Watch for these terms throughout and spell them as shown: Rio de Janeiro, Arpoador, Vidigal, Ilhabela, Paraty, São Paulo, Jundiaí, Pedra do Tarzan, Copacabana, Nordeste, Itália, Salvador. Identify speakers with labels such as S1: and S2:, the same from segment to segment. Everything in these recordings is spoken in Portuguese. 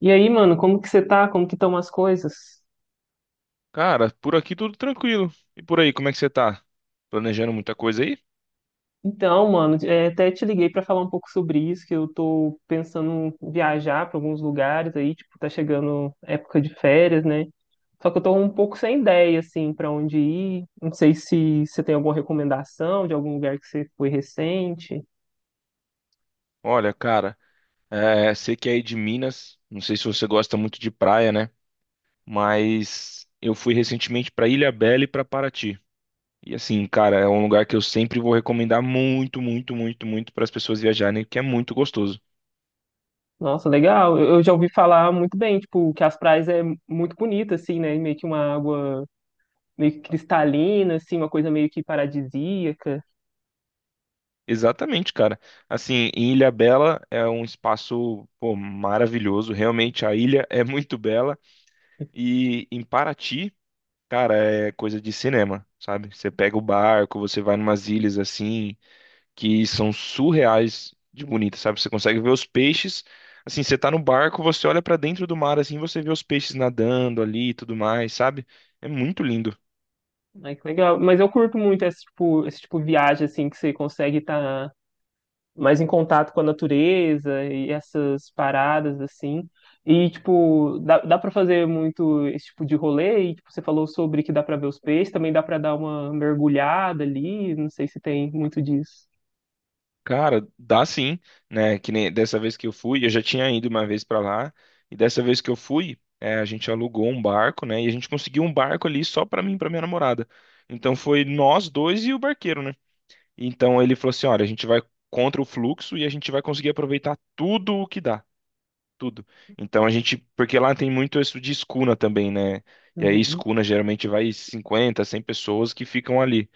S1: E aí, mano, como que você tá? Como que estão as coisas?
S2: Cara, por aqui tudo tranquilo. E por aí, como é que você tá? Planejando muita coisa aí?
S1: Então, mano, até te liguei pra falar um pouco sobre isso, que eu tô pensando em viajar pra alguns lugares aí, tipo, tá chegando época de férias, né? Só que eu tô um pouco sem ideia, assim, pra onde ir. Não sei se você tem alguma recomendação de algum lugar que você foi recente.
S2: Olha, cara, sei que é aí de Minas, não sei se você gosta muito de praia, né? Mas eu fui recentemente pra Ilhabela e pra Paraty. E assim, cara, é um lugar que eu sempre vou recomendar muito, muito, muito, muito para as pessoas viajarem, que é muito gostoso.
S1: Nossa, legal. Eu já ouvi falar muito bem, tipo, que as praias é muito bonita, assim, né? Meio que uma água meio que cristalina, assim, uma coisa meio que paradisíaca.
S2: Exatamente, cara. Assim, em Ilhabela é um espaço, pô, maravilhoso. Realmente a ilha é muito bela. E em Paraty, cara, é coisa de cinema, sabe? Você pega o barco, você vai numas ilhas assim, que são surreais de bonitas, sabe? Você consegue ver os peixes. Assim, você tá no barco, você olha pra dentro do mar assim, você vê os peixes nadando ali e tudo mais, sabe? É muito lindo.
S1: Ai, que legal. Mas eu curto muito esse tipo de viagem, assim, que você consegue estar mais em contato com a natureza e essas paradas, assim. E, tipo, dá para fazer muito esse tipo de rolê. E, tipo, você falou sobre que dá para ver os peixes, também dá para dar uma mergulhada ali. Não sei se tem muito disso.
S2: Cara, dá sim, né? Que nem dessa vez que eu fui, eu já tinha ido uma vez pra lá, e dessa vez que eu fui, a gente alugou um barco, né? E a gente conseguiu um barco ali só pra mim e pra minha namorada. Então foi nós dois e o barqueiro, né? Então ele falou assim: olha, a gente vai contra o fluxo e a gente vai conseguir aproveitar tudo o que dá, tudo. Então a gente, porque lá tem muito isso de escuna também, né? E aí
S1: Uhum.
S2: escuna geralmente vai 50, 100 pessoas que ficam ali.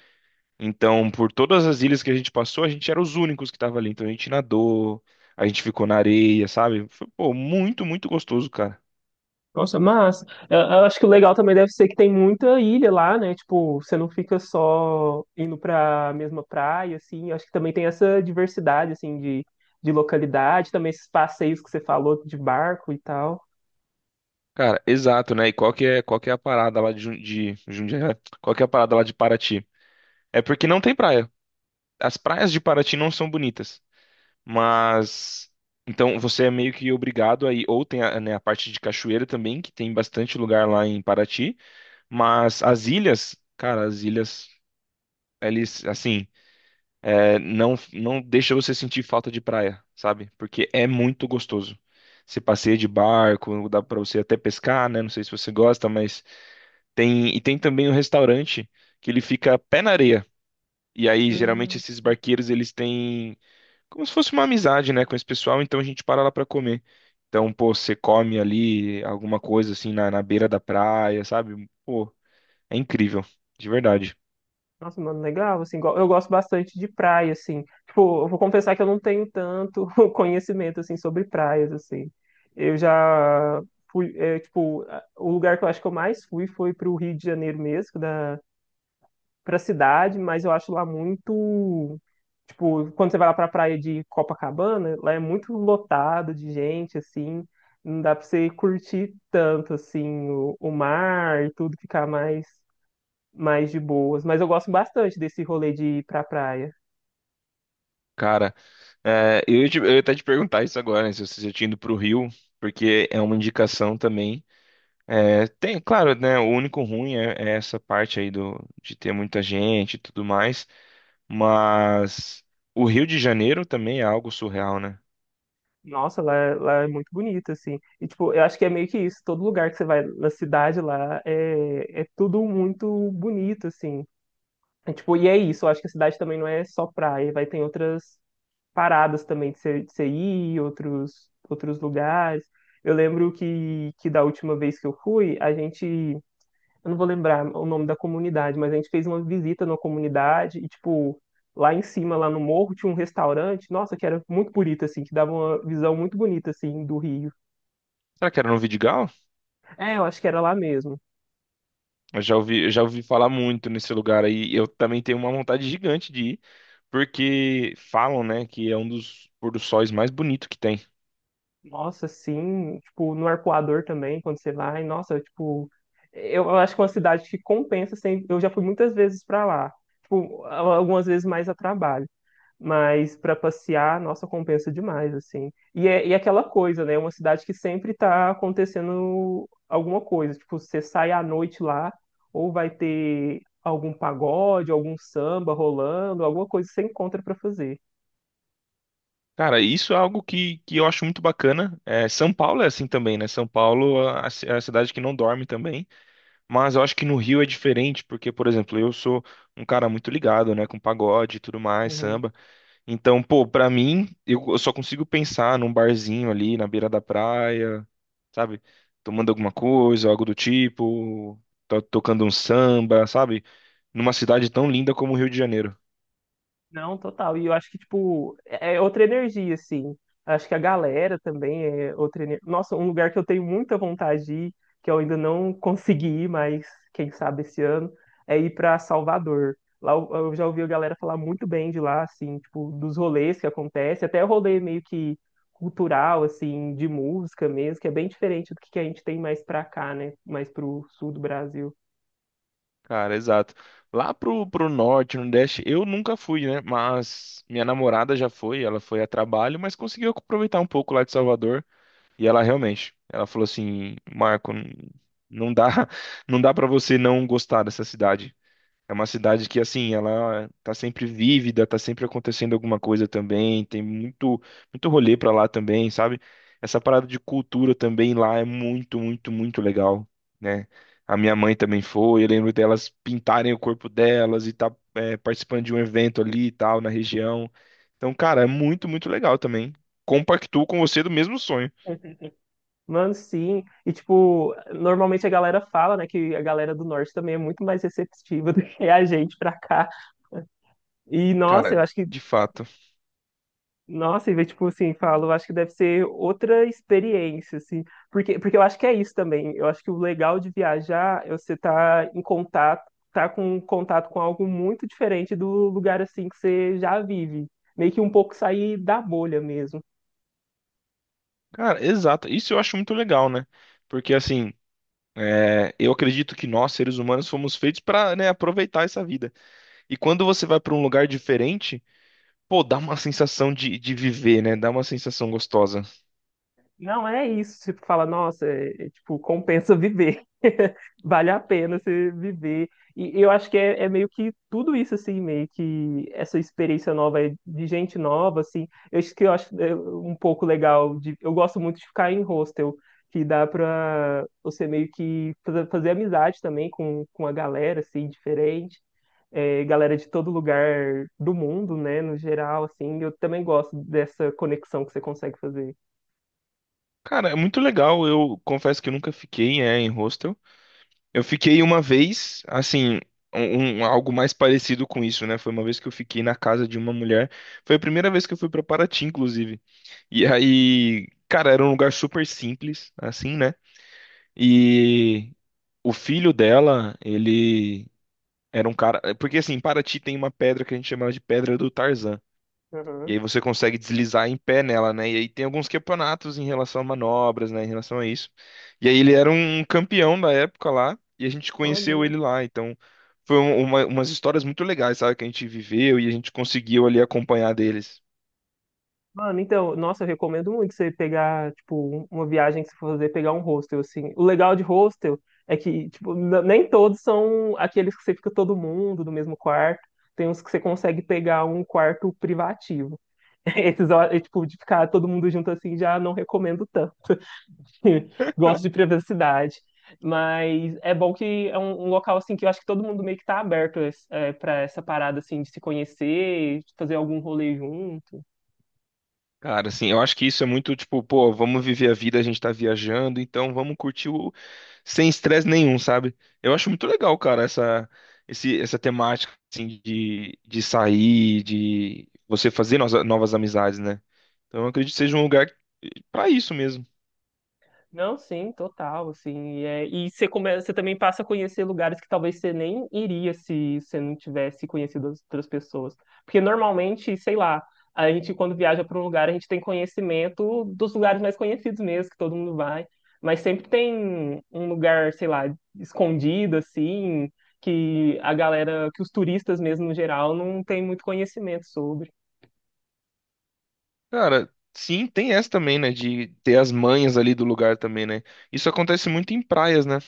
S2: Então, por todas as ilhas que a gente passou, a gente era os únicos que estavam ali. Então a gente nadou, a gente ficou na areia, sabe? Foi, pô, muito, muito gostoso, cara.
S1: Nossa, massa. Eu acho que o legal também deve ser que tem muita ilha lá, né? Tipo, você não fica só indo para a mesma praia, assim. Eu acho que também tem essa diversidade, assim, de localidade, também esses passeios que você falou de barco e tal.
S2: Cara, exato, né? E qual que é a parada lá de, de Jundiaí? Qual que é a parada lá de Paraty? É porque não tem praia. As praias de Paraty não são bonitas. Mas então você é meio que obrigado aí, ou tem a, né, a parte de cachoeira também, que tem bastante lugar lá em Paraty, mas as ilhas, cara, as ilhas, eles assim, não deixa você sentir falta de praia, sabe? Porque é muito gostoso. Você passeia de barco, dá pra você até pescar, né? Não sei se você gosta, mas tem e tem também um restaurante que ele fica pé na areia. E aí geralmente
S1: Hum.
S2: esses barqueiros eles têm como se fosse uma amizade, né, com esse pessoal, então a gente para lá pra comer. Então, pô, você come ali alguma coisa assim na, na beira da praia, sabe? Pô, é incrível, de verdade.
S1: Nossa, mano, legal, assim, eu gosto bastante de praia, assim, tipo, eu vou confessar que eu não tenho tanto conhecimento, assim, sobre praias, assim, eu já fui, tipo, o lugar que eu acho que eu mais fui foi pro Rio de Janeiro mesmo, pra cidade, mas eu acho lá muito, tipo, quando você vai lá pra praia de Copacabana, lá é muito lotado de gente, assim, não dá pra você curtir tanto, assim, o mar e tudo, ficar mais de boas. Mas eu gosto bastante desse rolê de ir pra praia.
S2: Cara, é, eu, eu ia até te perguntar isso agora, né, se você já tinha ido pro Rio, porque é uma indicação também. É, tem, claro, né, o único ruim é essa parte aí do, de ter muita gente e tudo mais, mas o Rio de Janeiro também é algo surreal, né?
S1: Nossa, lá é muito bonito, assim. E, tipo, eu acho que é meio que isso. Todo lugar que você vai na cidade lá é tudo muito bonito, assim. É, tipo, e é isso. Eu acho que a cidade também não é só praia. Vai ter outras paradas também de você ir, outros lugares. Eu lembro que da última vez que eu fui, a gente eu não vou lembrar o nome da comunidade, mas a gente fez uma visita na comunidade e, tipo, lá em cima, lá no morro, tinha um restaurante, nossa, que era muito bonito, assim, que dava uma visão muito bonita, assim, do Rio.
S2: Será que era no Vidigal?
S1: É, eu acho que era lá mesmo.
S2: Eu já ouvi falar muito nesse lugar aí. E eu também tenho uma vontade gigante de ir, porque falam, né, que é um dos pôr do sóis mais bonito que tem.
S1: Nossa, sim, tipo, no Arpoador também, quando você vai, nossa, tipo, eu acho que é uma cidade que compensa, assim, eu já fui muitas vezes pra lá, tipo, algumas vezes mais a trabalho. Mas para passear, nossa, compensa demais, assim. E é aquela coisa, né? É uma cidade que sempre tá acontecendo alguma coisa. Tipo, você sai à noite lá, ou vai ter algum pagode, algum samba rolando, alguma coisa que você encontra para fazer.
S2: Cara, isso é algo que eu acho muito bacana. É, São Paulo é assim também, né? São Paulo é a cidade que não dorme também. Mas eu acho que no Rio é diferente, porque, por exemplo, eu sou um cara muito ligado, né, com pagode e tudo mais,
S1: Uhum.
S2: samba. Então, pô, pra mim, eu só consigo pensar num barzinho ali na beira da praia, sabe? Tomando alguma coisa, algo do tipo, tocando um samba, sabe? Numa cidade tão linda como o Rio de Janeiro.
S1: Não, total. E eu acho que, tipo, é outra energia, assim. Acho que a galera também é outra energia. Nossa, um lugar que eu tenho muita vontade de ir, que eu ainda não consegui ir, mas quem sabe esse ano, ir pra Salvador. Lá eu já ouvi a galera falar muito bem de lá, assim, tipo, dos rolês que acontece, até rolê meio que cultural, assim, de música mesmo, que é bem diferente do que a gente tem mais pra cá, né? Mais pro sul do Brasil.
S2: Cara, exato. Lá pro norte, no Nordeste, eu nunca fui, né? Mas minha namorada já foi, ela foi a trabalho, mas conseguiu aproveitar um pouco lá de Salvador. E ela realmente, ela falou assim: Marco, não dá, não dá para você não gostar dessa cidade. É uma cidade que, assim, ela tá sempre vívida, tá sempre acontecendo alguma coisa também, tem muito, muito rolê pra lá também, sabe? Essa parada de cultura também lá é muito, muito, muito legal, né? A minha mãe também foi, eu lembro delas pintarem o corpo delas e tá, participando de um evento ali e tal, na região. Então, cara, é muito, muito legal também. Compactuo com você do mesmo sonho.
S1: Mano, sim. E, tipo, normalmente a galera fala, né, que a galera do norte também é muito mais receptiva do que a gente pra cá. E, nossa,
S2: Cara,
S1: eu acho que,
S2: de fato.
S1: nossa, e, tipo, assim, falo, eu acho que deve ser outra experiência, assim. Porque eu acho que é isso também. Eu acho que o legal de viajar é você estar em contato, tá com contato com algo muito diferente do lugar, assim, que você já vive. Meio que um pouco sair da bolha mesmo.
S2: Cara, exato. Isso eu acho muito legal, né? Porque, assim. É, eu acredito que nós, seres humanos, fomos feitos para aproveitar essa vida. E quando você vai para um lugar diferente, pô, dá uma sensação de viver, né? Dá uma sensação gostosa.
S1: Não é isso, tipo, fala, nossa, é, tipo, compensa viver. Vale a pena você viver. E eu acho que é meio que tudo isso, assim, meio que essa experiência nova é de gente nova, assim. Eu acho que eu acho é, um pouco legal de. Eu gosto muito de ficar em hostel, que dá pra você meio que fazer amizade também com a galera, assim, diferente. É, galera de todo lugar do mundo, né, no geral, assim. Eu também gosto dessa conexão que você consegue fazer.
S2: Cara, é muito legal. Eu confesso que eu nunca fiquei, em hostel. Eu fiquei uma vez, assim, algo mais parecido com isso, né? Foi uma vez que eu fiquei na casa de uma mulher. Foi a primeira vez que eu fui para Paraty, inclusive. E aí, cara, era um lugar super simples, assim, né? E o filho dela, ele era um cara. Porque assim, em Paraty tem uma pedra que a gente chama de Pedra do Tarzan. E aí você consegue deslizar em pé nela, né? E aí tem alguns campeonatos em relação a manobras, né? Em relação a isso. E aí ele era um campeão da época lá. E a gente
S1: Olha,
S2: conheceu ele
S1: legal.
S2: lá. Então umas histórias muito legais, sabe? Que a gente viveu e a gente conseguiu ali acompanhar deles.
S1: Mano, então, nossa, eu recomendo muito você pegar, tipo, uma viagem que você for fazer, pegar um hostel, assim. O legal de hostel é que, tipo, nem todos são aqueles que você fica todo mundo no mesmo quarto. Tem uns que você consegue pegar um quarto privativo. Esses, ó, é, tipo, de ficar todo mundo junto assim, já não recomendo tanto. Gosto de privacidade. Mas é bom que é um, um local, assim, que eu acho que todo mundo meio que tá aberto, é, pra essa parada, assim, de se conhecer, de fazer algum rolê junto.
S2: Cara, assim, eu acho que isso é muito tipo, pô, vamos viver a vida, a gente tá viajando, então vamos curtir o sem estresse nenhum, sabe? Eu acho muito legal, cara, essa temática, assim, de sair, de você fazer novas, novas amizades, né? Então eu acredito que seja um lugar pra isso mesmo.
S1: Não, sim, total, assim, e você começa, você também passa a conhecer lugares que talvez você nem iria se você não tivesse conhecido as outras pessoas, porque normalmente, sei lá, a gente quando viaja para um lugar, a gente tem conhecimento dos lugares mais conhecidos mesmo, que todo mundo vai, mas sempre tem um lugar, sei lá, escondido, assim, que a galera, que os turistas mesmo, no geral, não tem muito conhecimento sobre.
S2: Cara, sim, tem essa também, né? De ter as manhas ali do lugar também, né? Isso acontece muito em praias, né?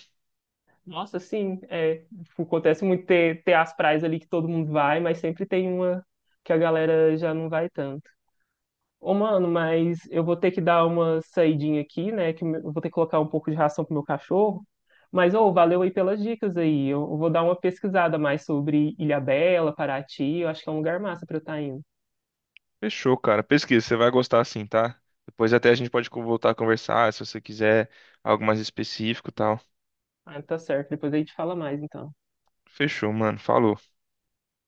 S1: Nossa, sim, é, tipo, acontece muito ter as praias ali que todo mundo vai, mas sempre tem uma que a galera já não vai tanto. Ô, mano, mas eu vou ter que dar uma saidinha aqui, né, que eu vou ter que colocar um pouco de ração pro meu cachorro, mas, ô, valeu aí pelas dicas aí, eu vou dar uma pesquisada mais sobre Ilhabela, Paraty, eu acho que é um lugar massa pra eu estar indo.
S2: Fechou, cara. Pesquisa, você vai gostar assim, tá? Depois até a gente pode voltar a conversar, se você quiser algo mais específico e tal.
S1: Ah, tá certo, depois a gente fala mais, então.
S2: Fechou, mano. Falou.